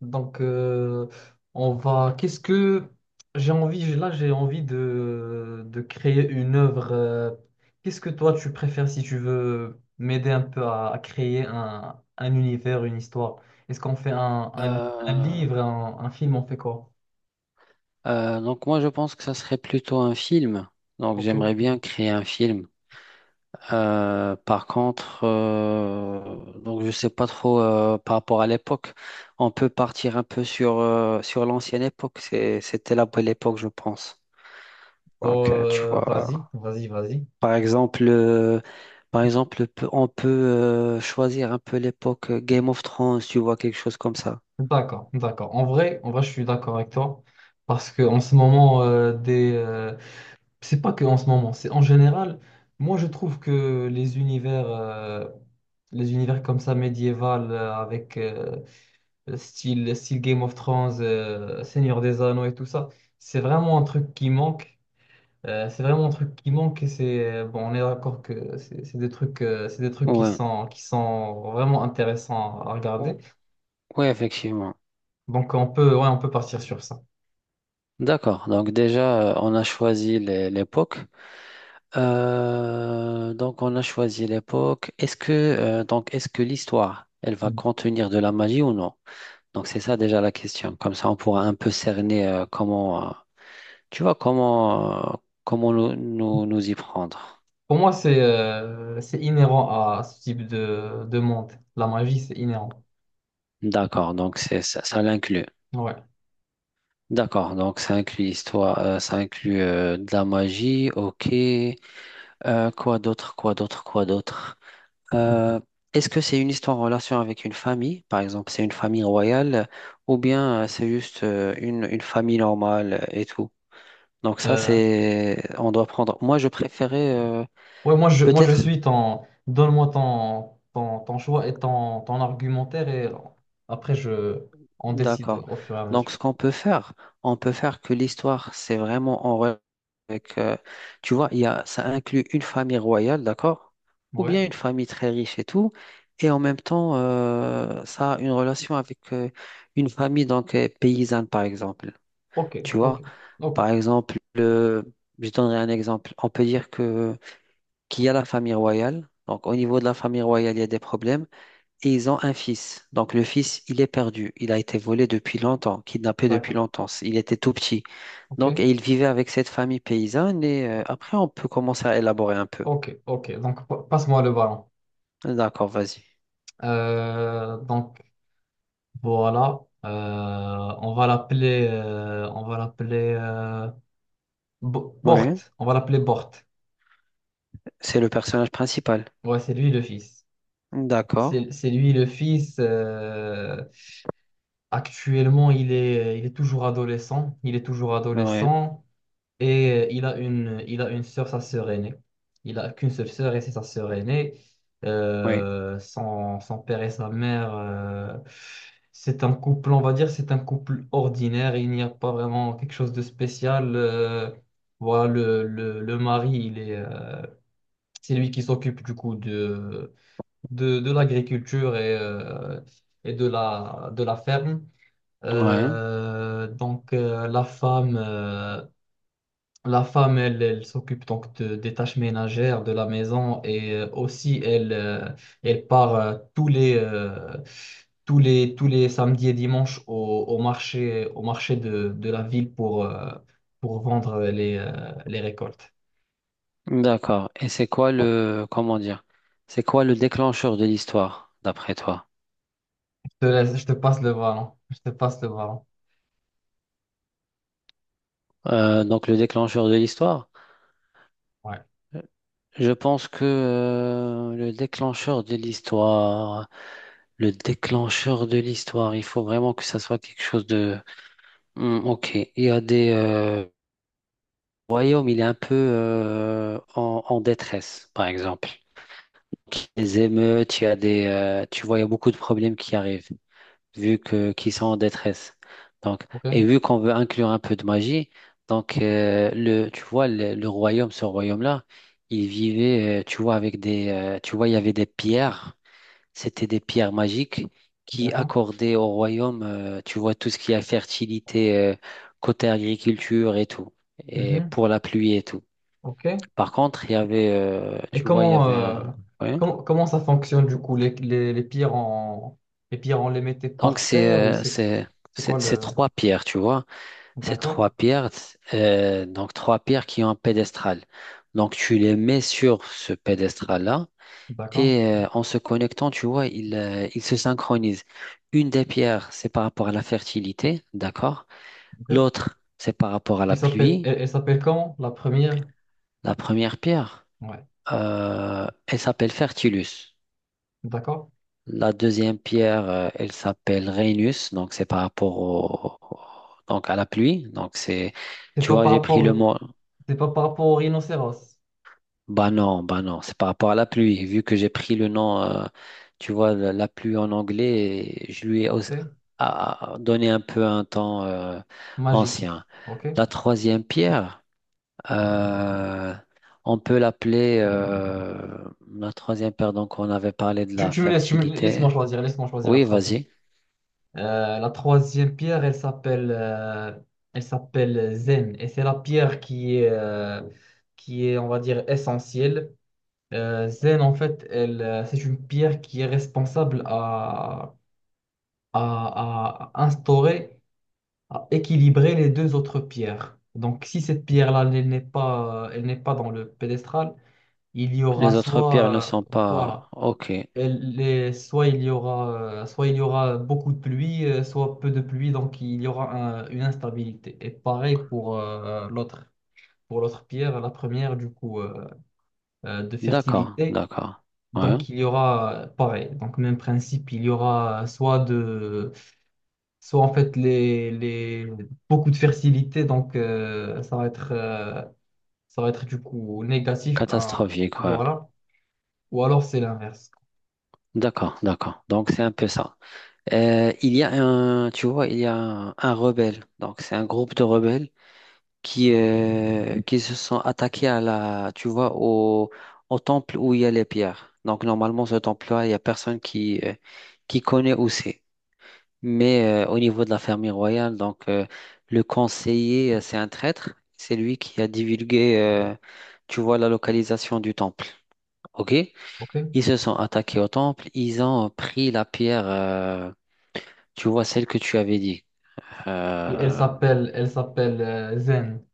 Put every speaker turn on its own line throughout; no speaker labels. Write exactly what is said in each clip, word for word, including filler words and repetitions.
Donc, euh, on va. Qu'est-ce que j'ai envie? Là, j'ai envie de, de créer une œuvre. euh, Qu'est-ce que toi, tu préfères si tu veux m'aider un peu à, à créer un, un univers, une histoire? Est-ce qu'on fait un, un- un
Euh,
livre, un, un film, on fait quoi?
euh, donc moi je pense que ça serait plutôt un film. Donc
Ok.
j'aimerais bien créer un film. Euh, par contre, euh, donc je sais pas trop euh, par rapport à l'époque. On peut partir un peu sur euh, sur l'ancienne époque. C'est- c'était la belle époque, je pense.
Oh,
Donc euh, tu
Euh,
vois,
vas-y, vas-y, vas-y.
par exemple, euh, par exemple, pe- on peut euh, choisir un peu l'époque euh, Game of Thrones. Tu vois quelque chose comme ça.
D'accord, d'accord. En vrai, en vrai, je suis d'accord avec toi parce que en ce moment, euh, des, euh, c'est pas que en ce moment, c'est en général. Moi, je trouve que les univers, euh, les univers comme ça médiéval, euh, avec euh, style, style Game of Thrones, euh, Seigneur des Anneaux et tout ça, c'est vraiment un truc qui manque. Euh, c'est vraiment un truc qui manque et c'est euh, bon, on est d'accord que c'est c'est des trucs, euh, c'est des trucs qui
Ouais.
sont, qui sont vraiment intéressants à
O-
regarder.
ouais, effectivement.
Donc on peut, ouais, on peut partir sur ça.
D'accord. Donc déjà, euh, on a choisi les- l'époque. Euh, donc on a choisi l'époque. Est-ce que euh, donc est-ce que l'histoire, elle va
Mm.
contenir de la magie ou non? Donc c'est ça déjà la question. Comme ça, on pourra un peu cerner euh, comment, euh, tu vois, comment euh, comment nous, nous nous y prendre.
Pour moi, c'est euh, c'est inhérent à ce type de, de monde. La magie, c'est inhérent.
D'accord. Donc c'est ça, ça l'inclut.
Ouais.
D'accord. Donc ça inclut l'histoire, euh, ça inclut euh, de la magie. Ok. Euh, quoi d'autre? Quoi d'autre? Quoi d'autre? Euh, Est-ce que c'est une histoire en relation avec une famille, par exemple, c'est une famille royale, ou bien euh, c'est juste euh, une, une famille normale euh, et tout? Donc ça,
Euh,
c'est, on doit prendre. Moi, je préférais euh,
ouais, moi je, moi je
peut-être.
suis ton. Donne-moi ton, ton, ton choix et ton, ton argumentaire et après je on décide
D'accord.
au fur et à mesure.
Donc, ce qu'on peut faire, on peut faire que l'histoire, c'est vraiment en relation avec. Euh, tu vois, il y a, ça inclut une famille royale, d'accord? Ou
Ouais.
bien une famille très riche et tout. Et en même temps, euh, ça a une relation avec euh, une famille donc euh, paysanne, par exemple.
Ok,
Tu
ok,
vois,
ok.
par exemple, le- je donnerai un exemple. On peut dire que qu'il y a la famille royale. Donc, au niveau de la famille royale, il y a des problèmes. Et ils ont un fils. Donc le fils, il est perdu. Il a été volé depuis longtemps, kidnappé depuis
D'accord.
longtemps. Il était tout petit.
Ok,
Donc, et il vivait avec cette famille paysanne. Et euh, après, on peut commencer à élaborer un peu.
ok, ok. Donc pa- passe-moi le ballon.
D'accord, vas-y.
Euh, donc voilà. Euh, on va l'appeler euh, on va l'appeler euh, Bo- Bort.
Oui,
On va l'appeler Bort.
c'est le personnage principal.
Ouais, c'est lui le fils.
D'accord.
C'est c'est lui le fils. euh, Actuellement, il est, il est toujours adolescent. Il est toujours
Oui,
adolescent et euh, il a une, il a une sœur, sa sœur aînée. Il a qu'une seule sœur et c'est sa sœur aînée.
oui,
Euh, son, son père et sa mère, euh, c'est un couple, on va dire, c'est un couple ordinaire. Il n'y a pas vraiment quelque chose de spécial. Euh, voilà, le, le, le mari, il est, euh, c'est lui qui s'occupe du coup de, de, de l'agriculture et, euh, et de la, de la ferme.
oui.
Euh, donc euh, la femme, euh, la femme, elle, elle s'occupe donc de- des tâches ménagères de la maison et euh, aussi elle, euh, elle part euh, tous les, euh, tous les, tous les samedis et dimanches au, au marché, au marché de, de la ville pour, euh, pour vendre les, euh, les récoltes.
D'accord. Et c'est quoi le, comment dire, c'est quoi le déclencheur de l'histoire, d'après toi?
Je te laisse- je te passe le ballon. Je te passe le ballon.
Euh, donc le déclencheur de l'histoire?
Ouais.
Je pense que euh, le déclencheur de l'histoire, le déclencheur de l'histoire, il faut vraiment que ça soit quelque chose de... Hmm, ok, il y a des euh, royaumes, il est un peu euh, en, en détresse, par exemple. Les émeutes, il y a des, euh, tu vois, il y a beaucoup de problèmes qui arrivent vu que qu'ils sont en détresse. Donc,
Ok.
et vu qu'on veut inclure un peu de magie, donc euh, le, tu vois, le, le royaume, ce royaume-là, il vivait, euh, tu vois, avec des, euh, tu vois, il y avait des pierres, c'était des pierres magiques qui
D'accord.
accordaient au royaume, euh, tu vois, tout ce qui a fertilité, euh, côté agriculture et tout, et
Mhm.
pour la pluie et tout.
Ok.
Par contre, il y avait, euh,
Et
tu vois, il y
comment,
avait
euh,
un, ouais.
comment, comment ça fonctionne du coup? Les, les, les pierres, on, les pierres, on les mettait
Donc
par
c'est,
terre ou
euh,
c'est
c'est,
c'est quoi
c'est c'est
le...
trois pierres, tu vois. C'est
D'accord,
trois pierres, euh, donc trois pierres qui ont un pédestral. Donc tu les mets sur ce pédestral-là
d'accord,
et euh, en se connectant, tu vois, ils, euh, ils se synchronisent. Une des pierres, c'est par rapport à la fertilité, d'accord?
ok.
L'autre, c'est par rapport à
Elle
la
s'appelle
pluie.
elle, elle s'appelle comment? La première?
La première pierre,
Ouais,
euh, elle s'appelle Fertilus.
d'accord.
La deuxième pierre, euh, elle s'appelle Rhenus, donc c'est par rapport au, au- donc à la pluie. Donc c'est,
C'est
tu
pas
vois,
par
j'ai pris le
rapport,
mot.
c'est pas par rapport au rhinocéros,
Bah non, bah non, c'est par rapport à la pluie. Vu que j'ai pris le nom, euh, tu vois, la, la pluie en anglais, et je lui ai
ok?
aussi- a- a donné un peu un temps euh,
Magique,
ancien.
ok?
La troisième pierre, euh, on peut l'appeler euh, la troisième pierre, donc on avait parlé de
Tu,
la
tu me laisses, tu me, laisse-moi
fertilité.
choisir, laisse-moi choisir la
Oui,
trace.
vas-y.
Euh, la troisième pierre, elle s'appelle euh, elle s'appelle Zen. Et c'est la pierre qui est, euh, qui est, on va dire, essentielle. Euh, Zen, en fait, elle, euh, c'est une pierre qui est responsable à, à, à instaurer, à équilibrer les deux autres pierres. Donc, si cette pierre-là, elle n'est pas, elle n'est pas dans le pédestral, il y aura
Les autres pierres ne
soit, euh,
sont
voilà,
pas... Ok,
elle est- soit il y aura, euh, soit il y aura beaucoup de pluie, euh, soit peu de pluie, donc il y aura un- une instabilité. Et pareil pour euh, l'autre, pour l'autre pierre, la première du coup euh, euh, de
d'accord,
fertilité.
d'accord. Ouais.
Donc il y aura euh, pareil, donc même principe, il y aura soit de, soit en fait les, les beaucoup de fertilité, donc euh, ça va être, euh, ça va être du coup négatif, hein,
Catastrophique, ouais.
voilà. Ou alors c'est l'inverse,
D'accord, d'accord. Donc c'est un peu ça. Euh, il y a un, tu vois, il y a un, un rebelle. Donc, c'est un groupe de rebelles qui, euh, qui se sont attaqués à la, tu vois, au, au temple où il y a les pierres. Donc, normalement, ce temple-là, il y a personne qui, euh, qui connaît où c'est. Mais euh, au niveau de la famille royale, donc, euh, le conseiller, euh, c'est un traître. C'est lui qui a divulgué, euh, tu vois, la localisation du temple. OK?
ok?
Ils se sont attaqués au temple. Ils ont pris la pierre. Euh, tu vois celle que tu avais dit,
Et elle
euh,
s'appelle, elle s'appelle euh, Zen.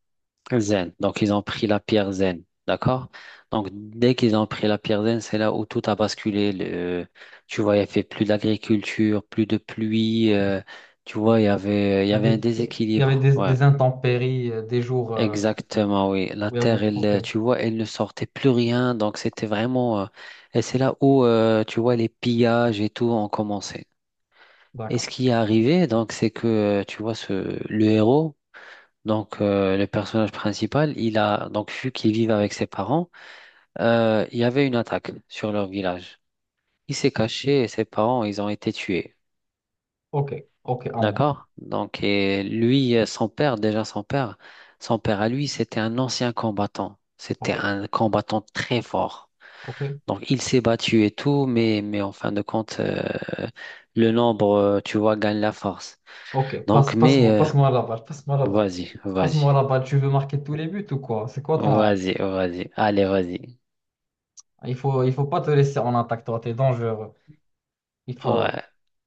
zen. Donc ils ont pris la pierre zen, d'accord? Donc dès qu'ils ont pris la pierre zen, c'est là où tout a basculé. Le- tu vois, il n'y avait plus d'agriculture, plus de pluie. Euh, tu vois, il y avait, il y
Il y
avait un
avait, il y avait
déséquilibre.
des,
Ouais,
des intempéries, euh, des jours euh,
exactement, oui. La
où il y a
terre,
beaucoup.
elle,
Ok,
euh, tu vois, elle ne sortait plus rien. Donc c'était vraiment. Euh, et c'est là où, euh, tu vois, les pillages et tout ont commencé. Et ce
d'accord.
qui est arrivé, donc, c'est que, euh, tu vois, ce, le héros. Donc, euh, le personnage principal, il a donc vu qu'il vivait avec ses parents, euh, il y avait une attaque sur leur village. Il s'est caché et ses parents, ils ont été tués.
Ok, ok, à moi.
D'accord? Donc, et lui, euh, son père, déjà son père, son père à lui, c'était un ancien combattant. C'était
Ok,
un combattant très fort.
ok,
Donc, il s'est battu et tout, mais, mais en fin de compte, euh, le nombre, euh, tu vois, gagne la force.
ok.
Donc,
Passe,
mais,
passe-moi,
euh,
passe-moi la balle, passe-moi la balle.
vas-y, vas-y,
Passe-moi la balle. Tu veux marquer tous les buts ou quoi? C'est quoi ton.
vas-y, vas-y, allez, vas-y.
Il faut, il faut pas te laisser en attaque, toi. T'es dangereux. Il
Ouais.
faut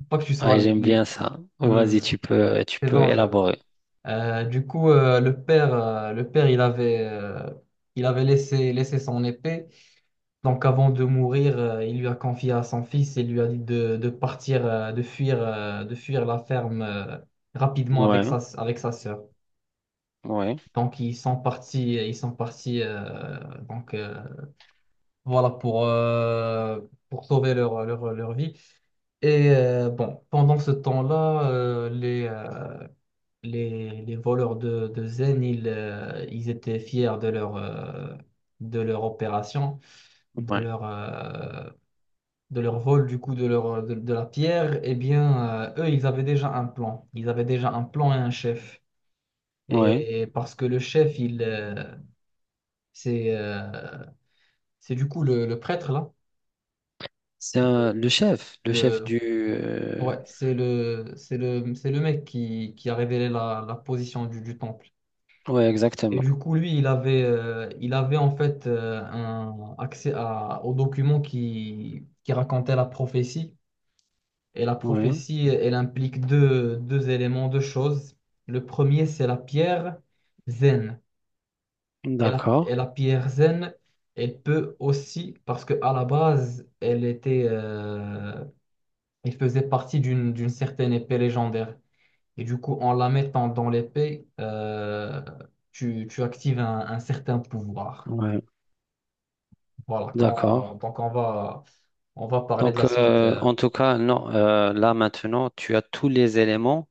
pas que tu
Ah
sois.
j'aime
li-
bien ça. Vas-y,
Hmm,
tu peux, tu
t'es
peux
dangereux.
élaborer.
Euh, du coup, euh, le père, euh, le père, il avait, euh, il avait laissé, laissé son épée. Donc avant de mourir, euh, il lui a confié à son fils et lui a dit de, de partir, euh, de fuir, euh, de fuir la ferme euh, rapidement
Ouais,
avec sa, avec sa sœur.
ouais,
Donc ils sont partis, ils sont partis. euh, donc euh, voilà pour euh, pour sauver leur leur, leur vie. Et euh, bon, pendant ce temps-là, euh, les, euh, les les voleurs de de Zen, ils euh, ils étaient fiers de leur euh, de leur opération, de
ouais,
leur euh, de leur vol du coup de leur de, de la pierre, eh bien euh, eux ils avaient déjà un plan. Ils avaient déjà un plan et un chef.
ouais.
Et parce que le chef il euh, c'est euh, c'est du coup le, le prêtre là.
C'est
Le,
un- le chef, le chef
le-
du. euh,
ouais c'est le c'est le c'est le mec qui, qui a révélé la, la position du, du temple.
Ouais,
Et
exactement.
du coup lui il avait euh, il avait en fait euh, un accès à, aux documents qui qui racontaient la prophétie. Et la
Ouais,
prophétie, elle implique deux, deux éléments, deux choses. Le premier, c'est la pierre zen. Et la,
d'accord.
et la pierre zen, elle peut aussi, parce que à la base, elle était, euh, elle faisait partie d'une, d'une certaine épée légendaire. Et du coup, en la mettant dans l'épée, euh, tu, tu actives un, un certain pouvoir.
Ouais,
Voilà,
d'accord.
quand, donc on va, on va parler de
Donc,
la suite.
euh,
euh.
en tout cas, non. Euh, là maintenant, tu as tous les éléments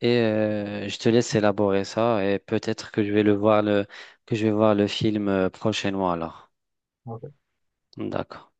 et euh, je te laisse élaborer ça et peut-être que je vais le voir le, que je vais voir le film euh, prochainement alors.
Ok.
D'accord.